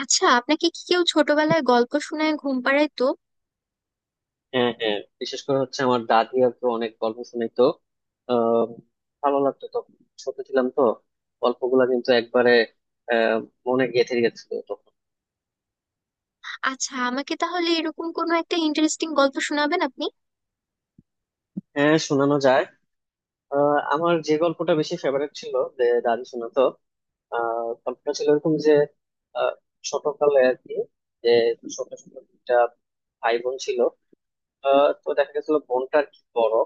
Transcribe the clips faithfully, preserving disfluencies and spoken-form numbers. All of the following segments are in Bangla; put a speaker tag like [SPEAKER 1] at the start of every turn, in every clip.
[SPEAKER 1] আচ্ছা, আপনাকে কি কেউ ছোটবেলায় গল্প শোনায়, ঘুম পাড়ায় তো?
[SPEAKER 2] হ্যাঁ, হ্যাঁ। বিশেষ করে হচ্ছে আমার দাদি আর কি অনেক গল্প শুনাইতো। আহ ভালো লাগতো তখন, ছোট ছিলাম তো। গল্পগুলা কিন্তু একবারে আহ মনে গেঁথে গেছিল তখন।
[SPEAKER 1] আচ্ছা, আমাকে তাহলে এরকম কোনো একটা ইন্টারেস্টিং গল্প শোনাবেন আপনি।
[SPEAKER 2] হ্যাঁ, শোনানো যায়। আহ আমার যে গল্পটা বেশি ফেভারিট ছিল যে দাদি শোনাতো, আহ গল্পটা ছিল এরকম যে আহ ছোটকালে আর কি, যে ছোট ছোট দুইটা ভাই বোন ছিল। আহ তো দেখা গেছিল বোনটা আর কি বড়।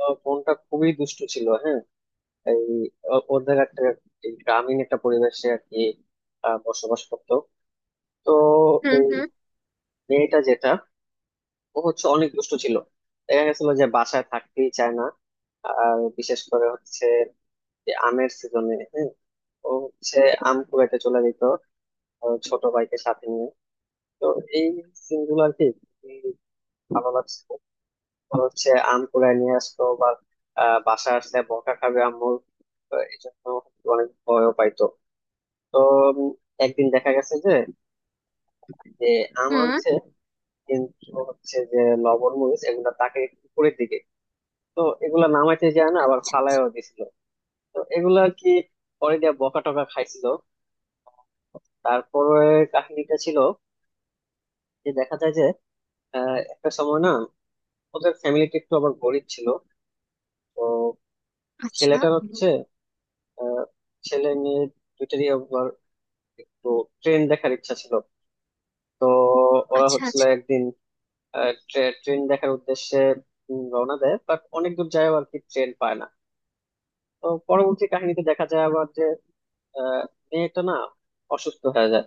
[SPEAKER 2] আহ, বোনটা খুবই দুষ্টু ছিল, হ্যাঁ। এই, ও- ওদের একটা এই গ্রামীণ একটা পরিবেশে আর কি আহ, বসবাস করতো। তো
[SPEAKER 1] হুম,
[SPEAKER 2] এই
[SPEAKER 1] হুম।
[SPEAKER 2] মেয়েটা, যেটা, ও হচ্ছে অনেক দুষ্টু ছিল। দেখা গেছিল যে বাসায় থাকতেই চায় না। আর বিশেষ করে হচ্ছে যে আমের সিজনে, হ্যাঁ, ও হচ্ছে আম কুড়াইতে চলে যেত, আহ, ছোট ভাইকে সাথে নিয়ে। তো এই সিনগুলো আর কি খুবই ভালো লাগছে। ও হচ্ছে আম কুড়াই নিয়ে আসতো, বা আহ, বাসায় আসলে বকা খাবে আম্মুর, তো এই জন্য অনেক ভয়ও পাইতো। তো উম, একদিন দেখা গেছে যে, যে আম
[SPEAKER 1] হুম।
[SPEAKER 2] আনছে, কিন্তু হচ্ছে যে লবণ মরিচ এগুলা তাকে একটু উপরের দিকে, তো এগুলা নামাইতে যায় না, আবার
[SPEAKER 1] আচ্ছা,
[SPEAKER 2] ফালায়ও দিছিল। তো এগুলা কি পরে দিয়ে বকা টকা খাইছিল। তারপরে কাহিনীটা ছিল যে দেখা যায় যে আহ, একটা সময় না, ওদের ফ্যামিলিটা একটু আবার গরিব ছিল। তো
[SPEAKER 1] আচ্ছা।
[SPEAKER 2] ছেলেটার হচ্ছে আহ, ছেলে মেয়ে দুইটারই আবার একটু ট্রেন দেখার ইচ্ছা ছিল। তো ওরা
[SPEAKER 1] আচ্ছা,
[SPEAKER 2] হচ্ছিল
[SPEAKER 1] আচ্ছা।
[SPEAKER 2] একদিন ট্রেন দেখার উদ্দেশ্যে উম, রওনা দেয়, বাট অনেক দূর যায় আর কি, ট্রেন পায় না। তো পরবর্তী কাহিনীতে দেখা যায় আবার যে আহ, মেয়েটা না অসুস্থ হয়ে যায়।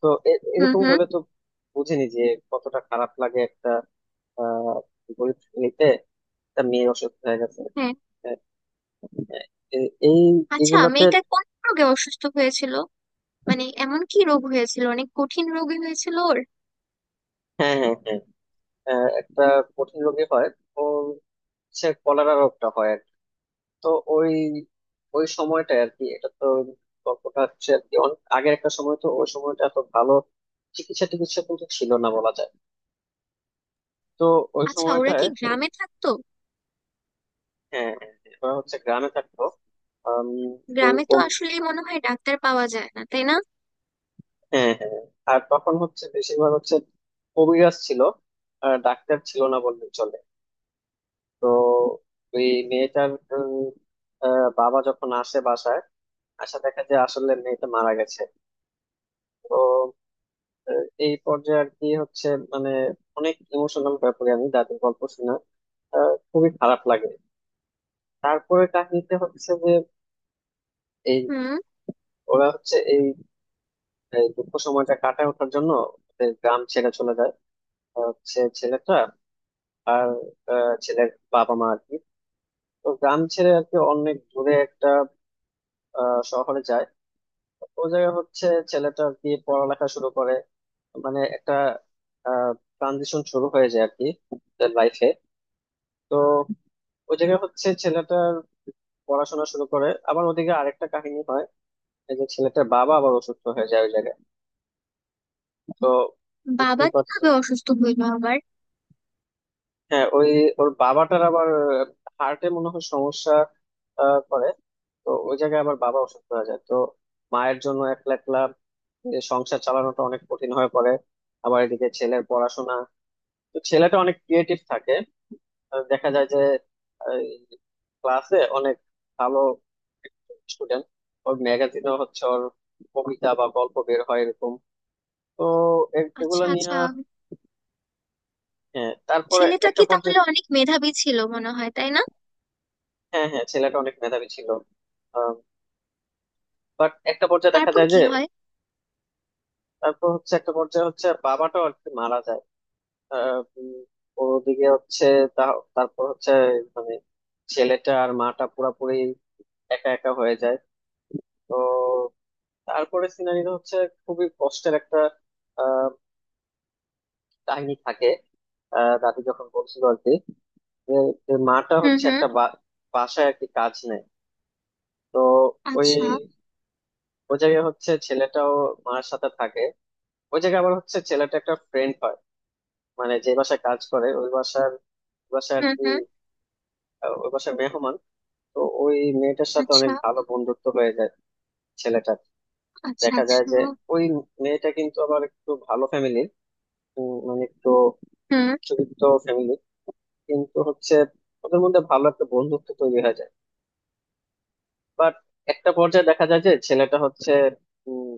[SPEAKER 2] তো এ-
[SPEAKER 1] হুম,
[SPEAKER 2] এরকম
[SPEAKER 1] হুম।
[SPEAKER 2] হলে তো বুঝিনি যে কতটা খারাপ লাগে একটা আহ গরিব ফ্যামিলিতে একটা মেয়ে অসুস্থ হয়ে গেছে।
[SPEAKER 1] হ্যাঁ।
[SPEAKER 2] আহ, এ- এই
[SPEAKER 1] আচ্ছা,
[SPEAKER 2] এগুলাতে।
[SPEAKER 1] মেয়েটা কোন রোগে অসুস্থ হয়েছিল? মানে এমন কি রোগ হয়েছিল, অনেক কঠিন রোগী হয়েছিল ওর?
[SPEAKER 2] হ্যাঁ, হ্যাঁ, হ্যাঁ। আহ, একটা কঠিন রোগী হয় ও, সে কলেরা রোগটা হয়। তো ওই, ওই সময়টা আর কি, এটা তো গল্পটা হচ্ছে আর কি অনেক আগের একটা সময়, তো ওই সময়টা এত ভালো চিকিৎসা টিকিৎসা কিন্তু ছিল না বলা যায়। তো ওই
[SPEAKER 1] আচ্ছা, ওরা
[SPEAKER 2] সময়টায়।
[SPEAKER 1] কি গ্রামে থাকতো?
[SPEAKER 2] হ্যাঁ, হ্যাঁ, হ্যাঁ, ওরা হচ্ছে গ্রামে থাকতো। আম,
[SPEAKER 1] গ্রামে তো
[SPEAKER 2] ওরকম,
[SPEAKER 1] আসলে মনে হয় ডাক্তার পাওয়া যায় না, তাই না?
[SPEAKER 2] হ্যাঁ, হ্যাঁ। আর তখন হচ্ছে বেশিরভাগ হচ্ছে কবিরাজ ছিল, আর ডাক্তার ছিল না বললেই চলে। তো ওই মেয়েটার উম, আহ, বাবা যখন আসে বাসায়, আসা দেখা যায় আসলে মেয়েটা মারা গেছে। তো আহ, এই পর্যায়ে আর কি হচ্ছে, মানে অনেক ইমোশনাল ব্যাপারে আমি দাদুর গল্প শুনে আহ, খুবই খারাপ লাগে। তারপরে কাহিনীতে হচ্ছে যে এই,
[SPEAKER 1] হুম।
[SPEAKER 2] ওরা হচ্ছে এই এই দুঃখ সময়টা কাটায় ওঠার জন্য ওদের গ্রাম ছেড়ে চলে যায়। আহ, হচ্ছে ছেলেটা আর আহ, ছেলের বাবা মা আর কি। তো গ্রাম ছেড়ে আর কি অনেক দূরে একটা আহ, শহরে যায়। ও জায়গায় হচ্ছে ছেলেটা আর কি পড়ালেখা শুরু করে, মানে একটা ট্রানজিশন শুরু হয়ে যায় আর কি লাইফে। তো ওই জায়গায় হচ্ছে ছেলেটার পড়াশোনা শুরু করে, আবার ওদিকে আরেকটা কাহিনী হয়, এই যে ছেলেটার বাবা আবার অসুস্থ হয়ে যায় ওই জায়গায়। তো
[SPEAKER 1] বাবা
[SPEAKER 2] বুঝতেই পারছেন।
[SPEAKER 1] কিভাবে অসুস্থ হইলো আবার?
[SPEAKER 2] হ্যাঁ, ওই ওর বাবাটার আবার হার্টে মনে হয় সমস্যা আহ, করে। তো ওই জায়গায় আবার বাবা অসুস্থ হয়ে যায়, তো মায়ের জন্য একলা একলা এ সংসার চালানোটা অনেক কঠিন হয়ে পড়ে। আবার এদিকে ছেলের পড়াশোনা। তো ছেলেটা অনেক ক্রিয়েটিভ থাকে, আহ, দেখা যায় যে এই, ক্লাসে অনেক ভালো স্টুডেন্ট। ওর ম্যাগাজিনও হচ্ছে ওর কবিতা বা গল্প বের হয় এরকম। তো এ- এগুলো
[SPEAKER 1] আচ্ছা,
[SPEAKER 2] নিয়ে।
[SPEAKER 1] আচ্ছা।
[SPEAKER 2] হ্যাঁ, তারপরে
[SPEAKER 1] ছেলেটা
[SPEAKER 2] একটা
[SPEAKER 1] কি তাহলে
[SPEAKER 2] পর্যায়ে।
[SPEAKER 1] অনেক মেধাবী ছিল মনে হয়, তাই না?
[SPEAKER 2] হ্যাঁ, হ্যাঁ, ছেলেটা অনেক মেধাবী ছিল। বাট একটা পর্যায়ে দেখা
[SPEAKER 1] তারপর
[SPEAKER 2] যায় যে,
[SPEAKER 1] কি হয়?
[SPEAKER 2] তারপর হচ্ছে একটা পর্যায়ে হচ্ছে বাবাটাও আর কি মারা যায়। আহ, উম, ওদিকে হচ্ছে তা- তারপর হচ্ছে মানে ছেলেটা আর মাটা পুরাপুরি একা একা হয়ে যায়। তো তারপরে সিনারিটা হচ্ছে খুবই কষ্টের একটা আহ, কাহিনী থাকে। আহ, দাদি যখন বলছিল আর কি, যে, যে মাটা
[SPEAKER 1] হুম,
[SPEAKER 2] হচ্ছে
[SPEAKER 1] হুম।
[SPEAKER 2] একটা বা- বাসায় আর কি কাজ নেয়। তো ওই,
[SPEAKER 1] আচ্ছা।
[SPEAKER 2] ওই জায়গায় হচ্ছে ছেলেটাও মার সাথে থাকে। ওই জায়গায় আবার হচ্ছে ছেলেটা একটা ফ্রেন্ড হয়, মানে যে বাসায় কাজ করে ওই বাসার বাসায় আর
[SPEAKER 1] হুম,
[SPEAKER 2] কি
[SPEAKER 1] হুম।
[SPEAKER 2] আহ, ওই বাসার মেহমান। তো ওই মেয়েটার সাথে
[SPEAKER 1] আচ্ছা,
[SPEAKER 2] অনেক ভালো বন্ধুত্ব হয়ে যায় ছেলেটার।
[SPEAKER 1] আচ্ছা।
[SPEAKER 2] দেখা যায়
[SPEAKER 1] আচ্ছা।
[SPEAKER 2] যে ওই মেয়েটা কিন্তু আবার একটু ভালো ফ্যামিলির, মানে একটু
[SPEAKER 1] হুম,
[SPEAKER 2] উচ্চবিত্ত ফ্যামিলি। কিন্তু হচ্ছে ওদের মধ্যে ভালো একটা বন্ধুত্ব তৈরি হয়ে যায়। বাট একটা পর্যায়ে দেখা যায় যে ছেলেটা হচ্ছে উম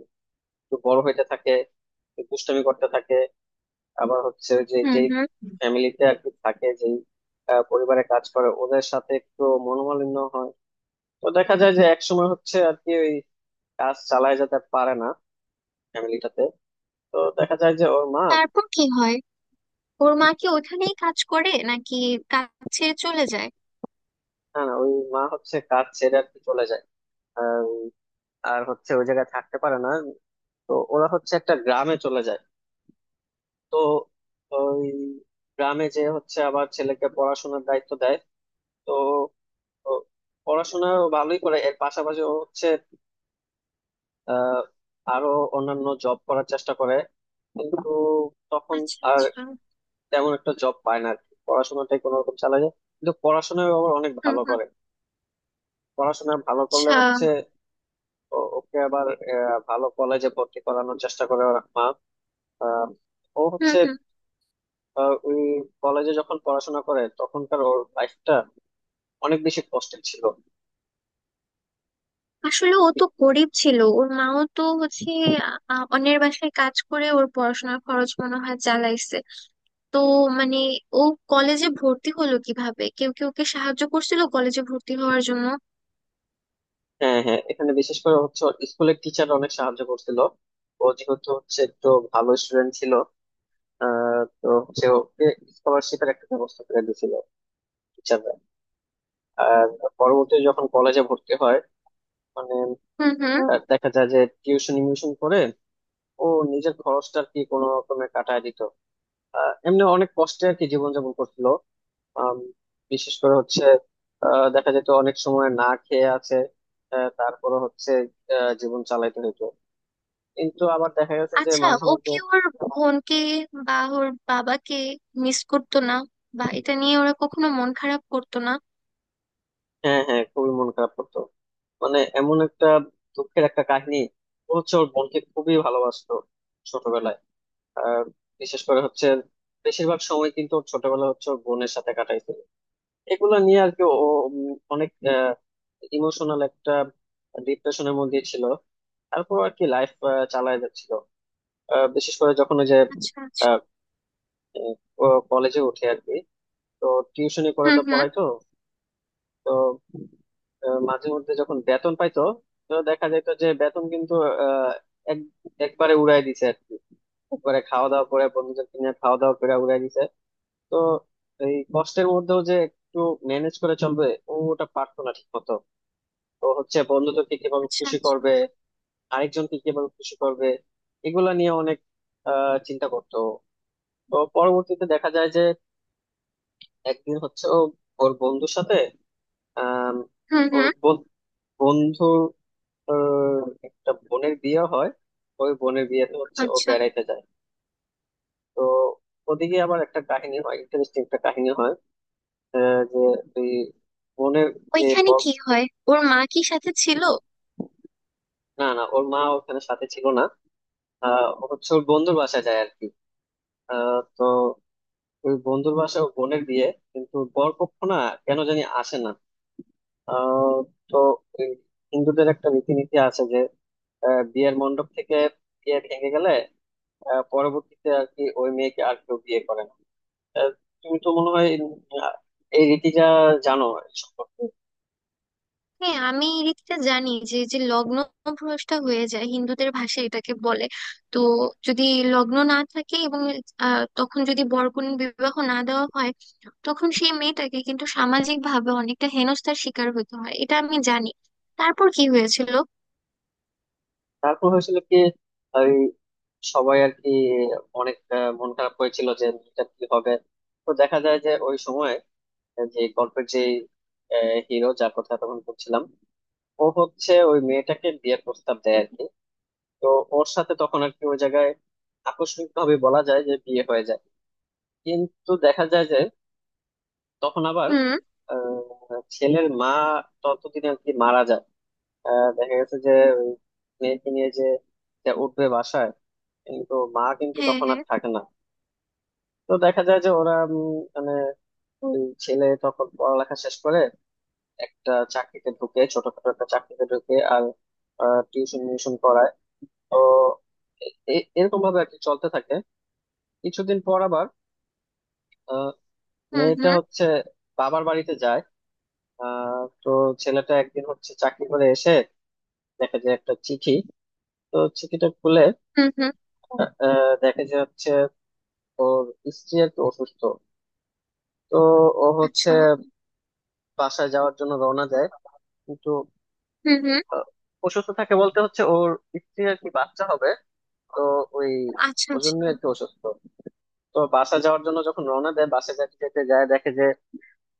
[SPEAKER 2] একটু বড় হইতে থাকে, একটু দুষ্টামি করতে থাকে। আবার হচ্ছে ওই যে
[SPEAKER 1] হুম।
[SPEAKER 2] যেই
[SPEAKER 1] হুম।
[SPEAKER 2] ফ্যামিলিতে আর কি থাকে যেই আহ, পরিবারে কাজ করে ওদের সাথে একটু মনোমালিন্য হয়। তো দেখা যায় যে একসময় হচ্ছে আর কি ওই কাজ চালায় যেতে পারে না ফ্যামিলিটাতে। তো দেখা যায় যে ওর মা,
[SPEAKER 1] তারপর কি হয়? ওর মা কি ওখানেই কাজ করে নাকি কাজ ছেড়ে চলে যায়?
[SPEAKER 2] না, না, ওই মা হচ্ছে কাজ ছেড়ে আর কি চলে যায়। আর আর হচ্ছে ওই জায়গায় থাকতে পারে না। তো ওরা হচ্ছে একটা গ্রামে চলে যায়। তো ওই গ্রামে যে হচ্ছে আবার ছেলেকে পড়াশোনার দায়িত্ব দেয়। তো ও পড়াশোনা ও ভালোই করে, এর পাশাপাশি ও হচ্ছে আহ আরো অন্যান্য জব করার চেষ্টা করে, কিন্তু তখন
[SPEAKER 1] আচ্ছা,
[SPEAKER 2] আর
[SPEAKER 1] আচ্ছা।
[SPEAKER 2] তেমন একটা জব পায় না আর কি, পড়াশোনাটাই কোনো রকম চালায় যায়, কিন্তু পড়াশোনায় ও আবার অনেক
[SPEAKER 1] হুম,
[SPEAKER 2] ভালো
[SPEAKER 1] হুম।
[SPEAKER 2] করে। পড়াশোনা ভালো করলে
[SPEAKER 1] আচ্ছা।
[SPEAKER 2] হচ্ছে ও- ওকে আবার আহ, ভালো কলেজে ভর্তি করানোর চেষ্টা করে ওর মা। আহ, ও
[SPEAKER 1] হুম,
[SPEAKER 2] হচ্ছে
[SPEAKER 1] হুম।
[SPEAKER 2] আহ, ওই কলেজে যখন পড়াশোনা করে তখনকার ওর লাইফটা অনেক বেশি কষ্টের ছিল।
[SPEAKER 1] আসলে ও তো গরিব ছিল, ওর মাও তো হচ্ছে আ, অন্যের বাসায় কাজ করে ওর পড়াশোনার খরচ মনে হয় চালাইছে। তো মানে ও কলেজে ভর্তি হলো কিভাবে? কেউ কি ওকে সাহায্য করছিল কলেজে ভর্তি হওয়ার জন্য?
[SPEAKER 2] হ্যাঁ, হ্যাঁ, এখানে বিশেষ করে হচ্ছে স্কুলের টিচার অনেক সাহায্য করছিল। ও যেহেতু হচ্ছে একটু ভালো স্টুডেন্ট ছিল, আহ, তো হচ্ছে ওকে স্কলারশিপের একটা ব্যবস্থা করে দিয়েছিল টিচাররা। আর পরবর্তীতে যখন কলেজে ভর্তি হয় মানে
[SPEAKER 1] হুম, হুম।
[SPEAKER 2] আহ, দেখা যায় যে টিউশন মিউশন করে ও নিজের খরচটা আর কি কোনো রকমে কাটায় দিত। আহ, এমনি অনেক কষ্টে আর কি জীবনযাপন করছিল। আম, বিশেষ করে হচ্ছে আহ, দেখা যেত অনেক সময় না খেয়ে আছে, আহ, তারপরে হচ্ছে আহ, জীবন চালাইতে হতো। কিন্তু আবার দেখা গেছে যে
[SPEAKER 1] আচ্ছা,
[SPEAKER 2] মাঝে
[SPEAKER 1] ও
[SPEAKER 2] মধ্যে।
[SPEAKER 1] কি ওর বোনকে বা ওর বাবাকে মিস করতো না? বা এটা নিয়ে ওরা কখনো মন খারাপ করতো না?
[SPEAKER 2] হ্যাঁ, হ্যাঁ, খুবই মন খারাপ করতো, মানে এমন একটা দুঃখের একটা কাহিনী। ও হচ্ছে ওর বোনকে খুবই ভালোবাসতো ছোটবেলায়। আহ বিশেষ করে হচ্ছে বেশিরভাগ সময় কিন্তু ওর ছোটবেলা হচ্ছে ওর বোনের সাথে কাটাইছিল। এগুলো নিয়ে আর কি ও উম, অনেক ইমোশনাল একটা ডিপ্রেশনের মধ্যে ছিল। তারপর আর কি লাইফ চালায় যাচ্ছিল। আহ, বিশেষ করে যখন ওই যে
[SPEAKER 1] আচ্ছা, আচ্ছা।
[SPEAKER 2] কলেজে উঠে আর কি, তো টিউশনি করে
[SPEAKER 1] হুম,
[SPEAKER 2] তো
[SPEAKER 1] হুম।
[SPEAKER 2] পড়াই তো। তো আহ, মাঝে মধ্যে যখন বেতন পাইতো, তো দেখা যেত যে বেতন কিন্তু আহ, এক একবারে উড়াই দিছে আর কি, একবারে খাওয়া দাওয়া করে বন্ধুদেরকে নিয়ে খাওয়া দাওয়া করে উড়াই দিছে। তো এই কষ্টের মধ্যেও যে একটু ম্যানেজ করে চলবে, ও ওটা পারতো না ঠিক মতো। তো হচ্ছে বন্ধুদেরকে কিভাবে
[SPEAKER 1] আচ্ছা,
[SPEAKER 2] খুশি
[SPEAKER 1] আচ্ছা।
[SPEAKER 2] করবে, আরেকজনকে কিভাবে খুশি করবে, এগুলা নিয়ে অনেক আহ চিন্তা করতো। তো পরবর্তীতে দেখা যায় যে একদিন হচ্ছে ও ওর বন্ধুর সাথে আম,
[SPEAKER 1] হুম,
[SPEAKER 2] ওর
[SPEAKER 1] হুম।
[SPEAKER 2] ব- বন্ধুর আহ, একটা বোনের বিয়ে হয়, ওই বোনের বিয়েতে হচ্ছে ও
[SPEAKER 1] আচ্ছা,
[SPEAKER 2] বেড়াইতে যায়। তো ওদিকে আবার একটা কাহিনী হয়, ইন্টারেস্টিং একটা কাহিনী হয় আহ, যে ওই বোনের যে
[SPEAKER 1] ওইখানে
[SPEAKER 2] ব-
[SPEAKER 1] কি হয়? ওর মা কি সাথে ছিল?
[SPEAKER 2] না, না, ওর মা ওখানে সাথে ছিল না। আহ, ও হচ্ছে ওর বন্ধুর বাসায় যায় আর কি। আহ, তো ওই বন্ধুর বাসায় ওর বোনের বিয়ে, কিন্তু বরপক্ষ না কেন জানি আসে না। আহ, তো এই হিন্দুদের একটা রীতিনীতি আছে যে আহ, বিয়ের মণ্ডপ থেকে বিয়ে ভেঙে গেলে আহ, পরবর্তীতে আর কি ওই মেয়েকে আর কেউ বিয়ে করে না। আহ, তুমি তো মনে হয় আহ, এই রীতিটা জানো এই সম্পর্কে।
[SPEAKER 1] হ্যাঁ, আমি এই দিকটা জানি যে যে লগ্ন ভ্রষ্ট হয়ে যায়, হিন্দুদের ভাষায় এটাকে বলে। তো যদি লগ্ন না থাকে এবং আহ, তখন যদি বরকনে বিবাহ না দেওয়া হয়, তখন সেই মেয়েটাকে কিন্তু সামাজিক ভাবে অনেকটা হেনস্থার শিকার হতে হয়, এটা আমি জানি। তারপর কি হয়েছিল?
[SPEAKER 2] তারপর হয়েছিল কি ওই সবাই আর কি অনেক আহ, মন খারাপ হয়েছিল যে মেয়েটা কি হবে। তো দেখা যায় যে ওই সময় যে গল্পের যে হিরো যার কথা তখন বলছিলাম, ও হচ্ছে ওই মেয়েটাকে বিয়ের প্রস্তাব দেয়। তো ওর সাথে তখন আর কি ওই জায়গায় আকস্মিক ভাবে বলা যায় যে বিয়ে হয়ে যায়। কিন্তু দেখা যায় যে তখন আবার
[SPEAKER 1] হুম।
[SPEAKER 2] আহ, ছেলের মা ততদিন আর কি মারা যায়। আহ, দেখা গেছে যে ওই মেয়েকে নিয়ে যে, যে উঠবে বাসায়, কিন্তু মা কিন্তু
[SPEAKER 1] হ্যাঁ,
[SPEAKER 2] তখন আর
[SPEAKER 1] হ্যাঁ।
[SPEAKER 2] থাকে না। তো দেখা যায় যে ওরা উম, মানে ওই ছেলে তখন পড়ালেখা শেষ করে একটা চাকরিতে ঢুকে, ছোটখাটো একটা চাকরিতে ঢুকে আর টিউশন মিউশন করায়। তো এ- এ- এরকম ভাবে আর কি চলতে থাকে। কিছুদিন পর আবার আহ,
[SPEAKER 1] হুম,
[SPEAKER 2] মেয়েটা
[SPEAKER 1] হুম।
[SPEAKER 2] হচ্ছে বাবার বাড়িতে যায়। আহ, তো ছেলেটা একদিন হচ্ছে চাকরি করে এসে দেখে যে একটা চিঠি, তো চিঠিটা খুলে
[SPEAKER 1] হুম, হুম।
[SPEAKER 2] আহ, দেখে যে হচ্ছে ওর স্ত্রী একটু অসুস্থ। তো ও হচ্ছে
[SPEAKER 1] আচ্ছা।
[SPEAKER 2] বাসায় যাওয়ার জন্য রওনা দেয়। কিন্তু
[SPEAKER 1] হুম, হুম।
[SPEAKER 2] আহ, অসুস্থ থাকে বলতে হচ্ছে ওর স্ত্রী আর কি বাচ্চা হবে, তো ওই,
[SPEAKER 1] আচ্ছা,
[SPEAKER 2] ওই জন্য
[SPEAKER 1] আচ্ছা।
[SPEAKER 2] একটু অসুস্থ। তো বাসা যাওয়ার জন্য যখন রওনা দেয়, বাসা যেতে যেতে যায় দেখে যে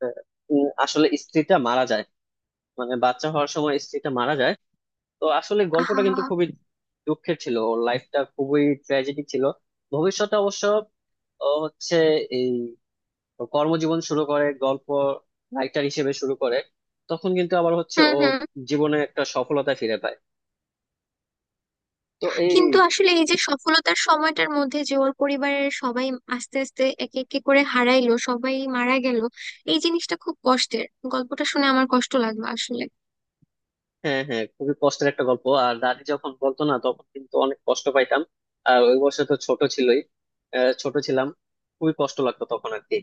[SPEAKER 2] আহ, উম, আসলে স্ত্রীটা মারা যায়, মানে বাচ্চা হওয়ার সময় স্ত্রীটা মারা যায়। তো আসলে গল্পটা
[SPEAKER 1] আহা।
[SPEAKER 2] কিন্তু খুবই দুঃখের ছিল, ওর লাইফটা খুবই ট্র্যাজেডি ছিল। ভবিষ্যতে অবশ্য ও হচ্ছে এই কর্মজীবন শুরু করে, গল্প রাইটার হিসেবে শুরু করে। তখন কিন্তু আবার হচ্ছে
[SPEAKER 1] হুম,
[SPEAKER 2] ও
[SPEAKER 1] হুম।
[SPEAKER 2] জীবনে একটা সফলতা ফিরে পায়। তো এই,
[SPEAKER 1] কিন্তু আসলে এই যে সফলতার সময়টার মধ্যে যে ওর পরিবারের সবাই আস্তে আস্তে একে একে করে হারাইলো, সবাই মারা গেল, এই জিনিসটা খুব কষ্টের। গল্পটা শুনে আমার কষ্ট লাগলো আসলে।
[SPEAKER 2] হ্যাঁ, হ্যাঁ, খুবই কষ্টের একটা গল্প। আর দাদি যখন বলতো না তখন কিন্তু অনেক কষ্ট পাইতাম। আর ওই বয়সে তো ছোট ছিলই, আহ, ছোট ছিলাম, খুবই কষ্ট লাগতো তখন আর কি।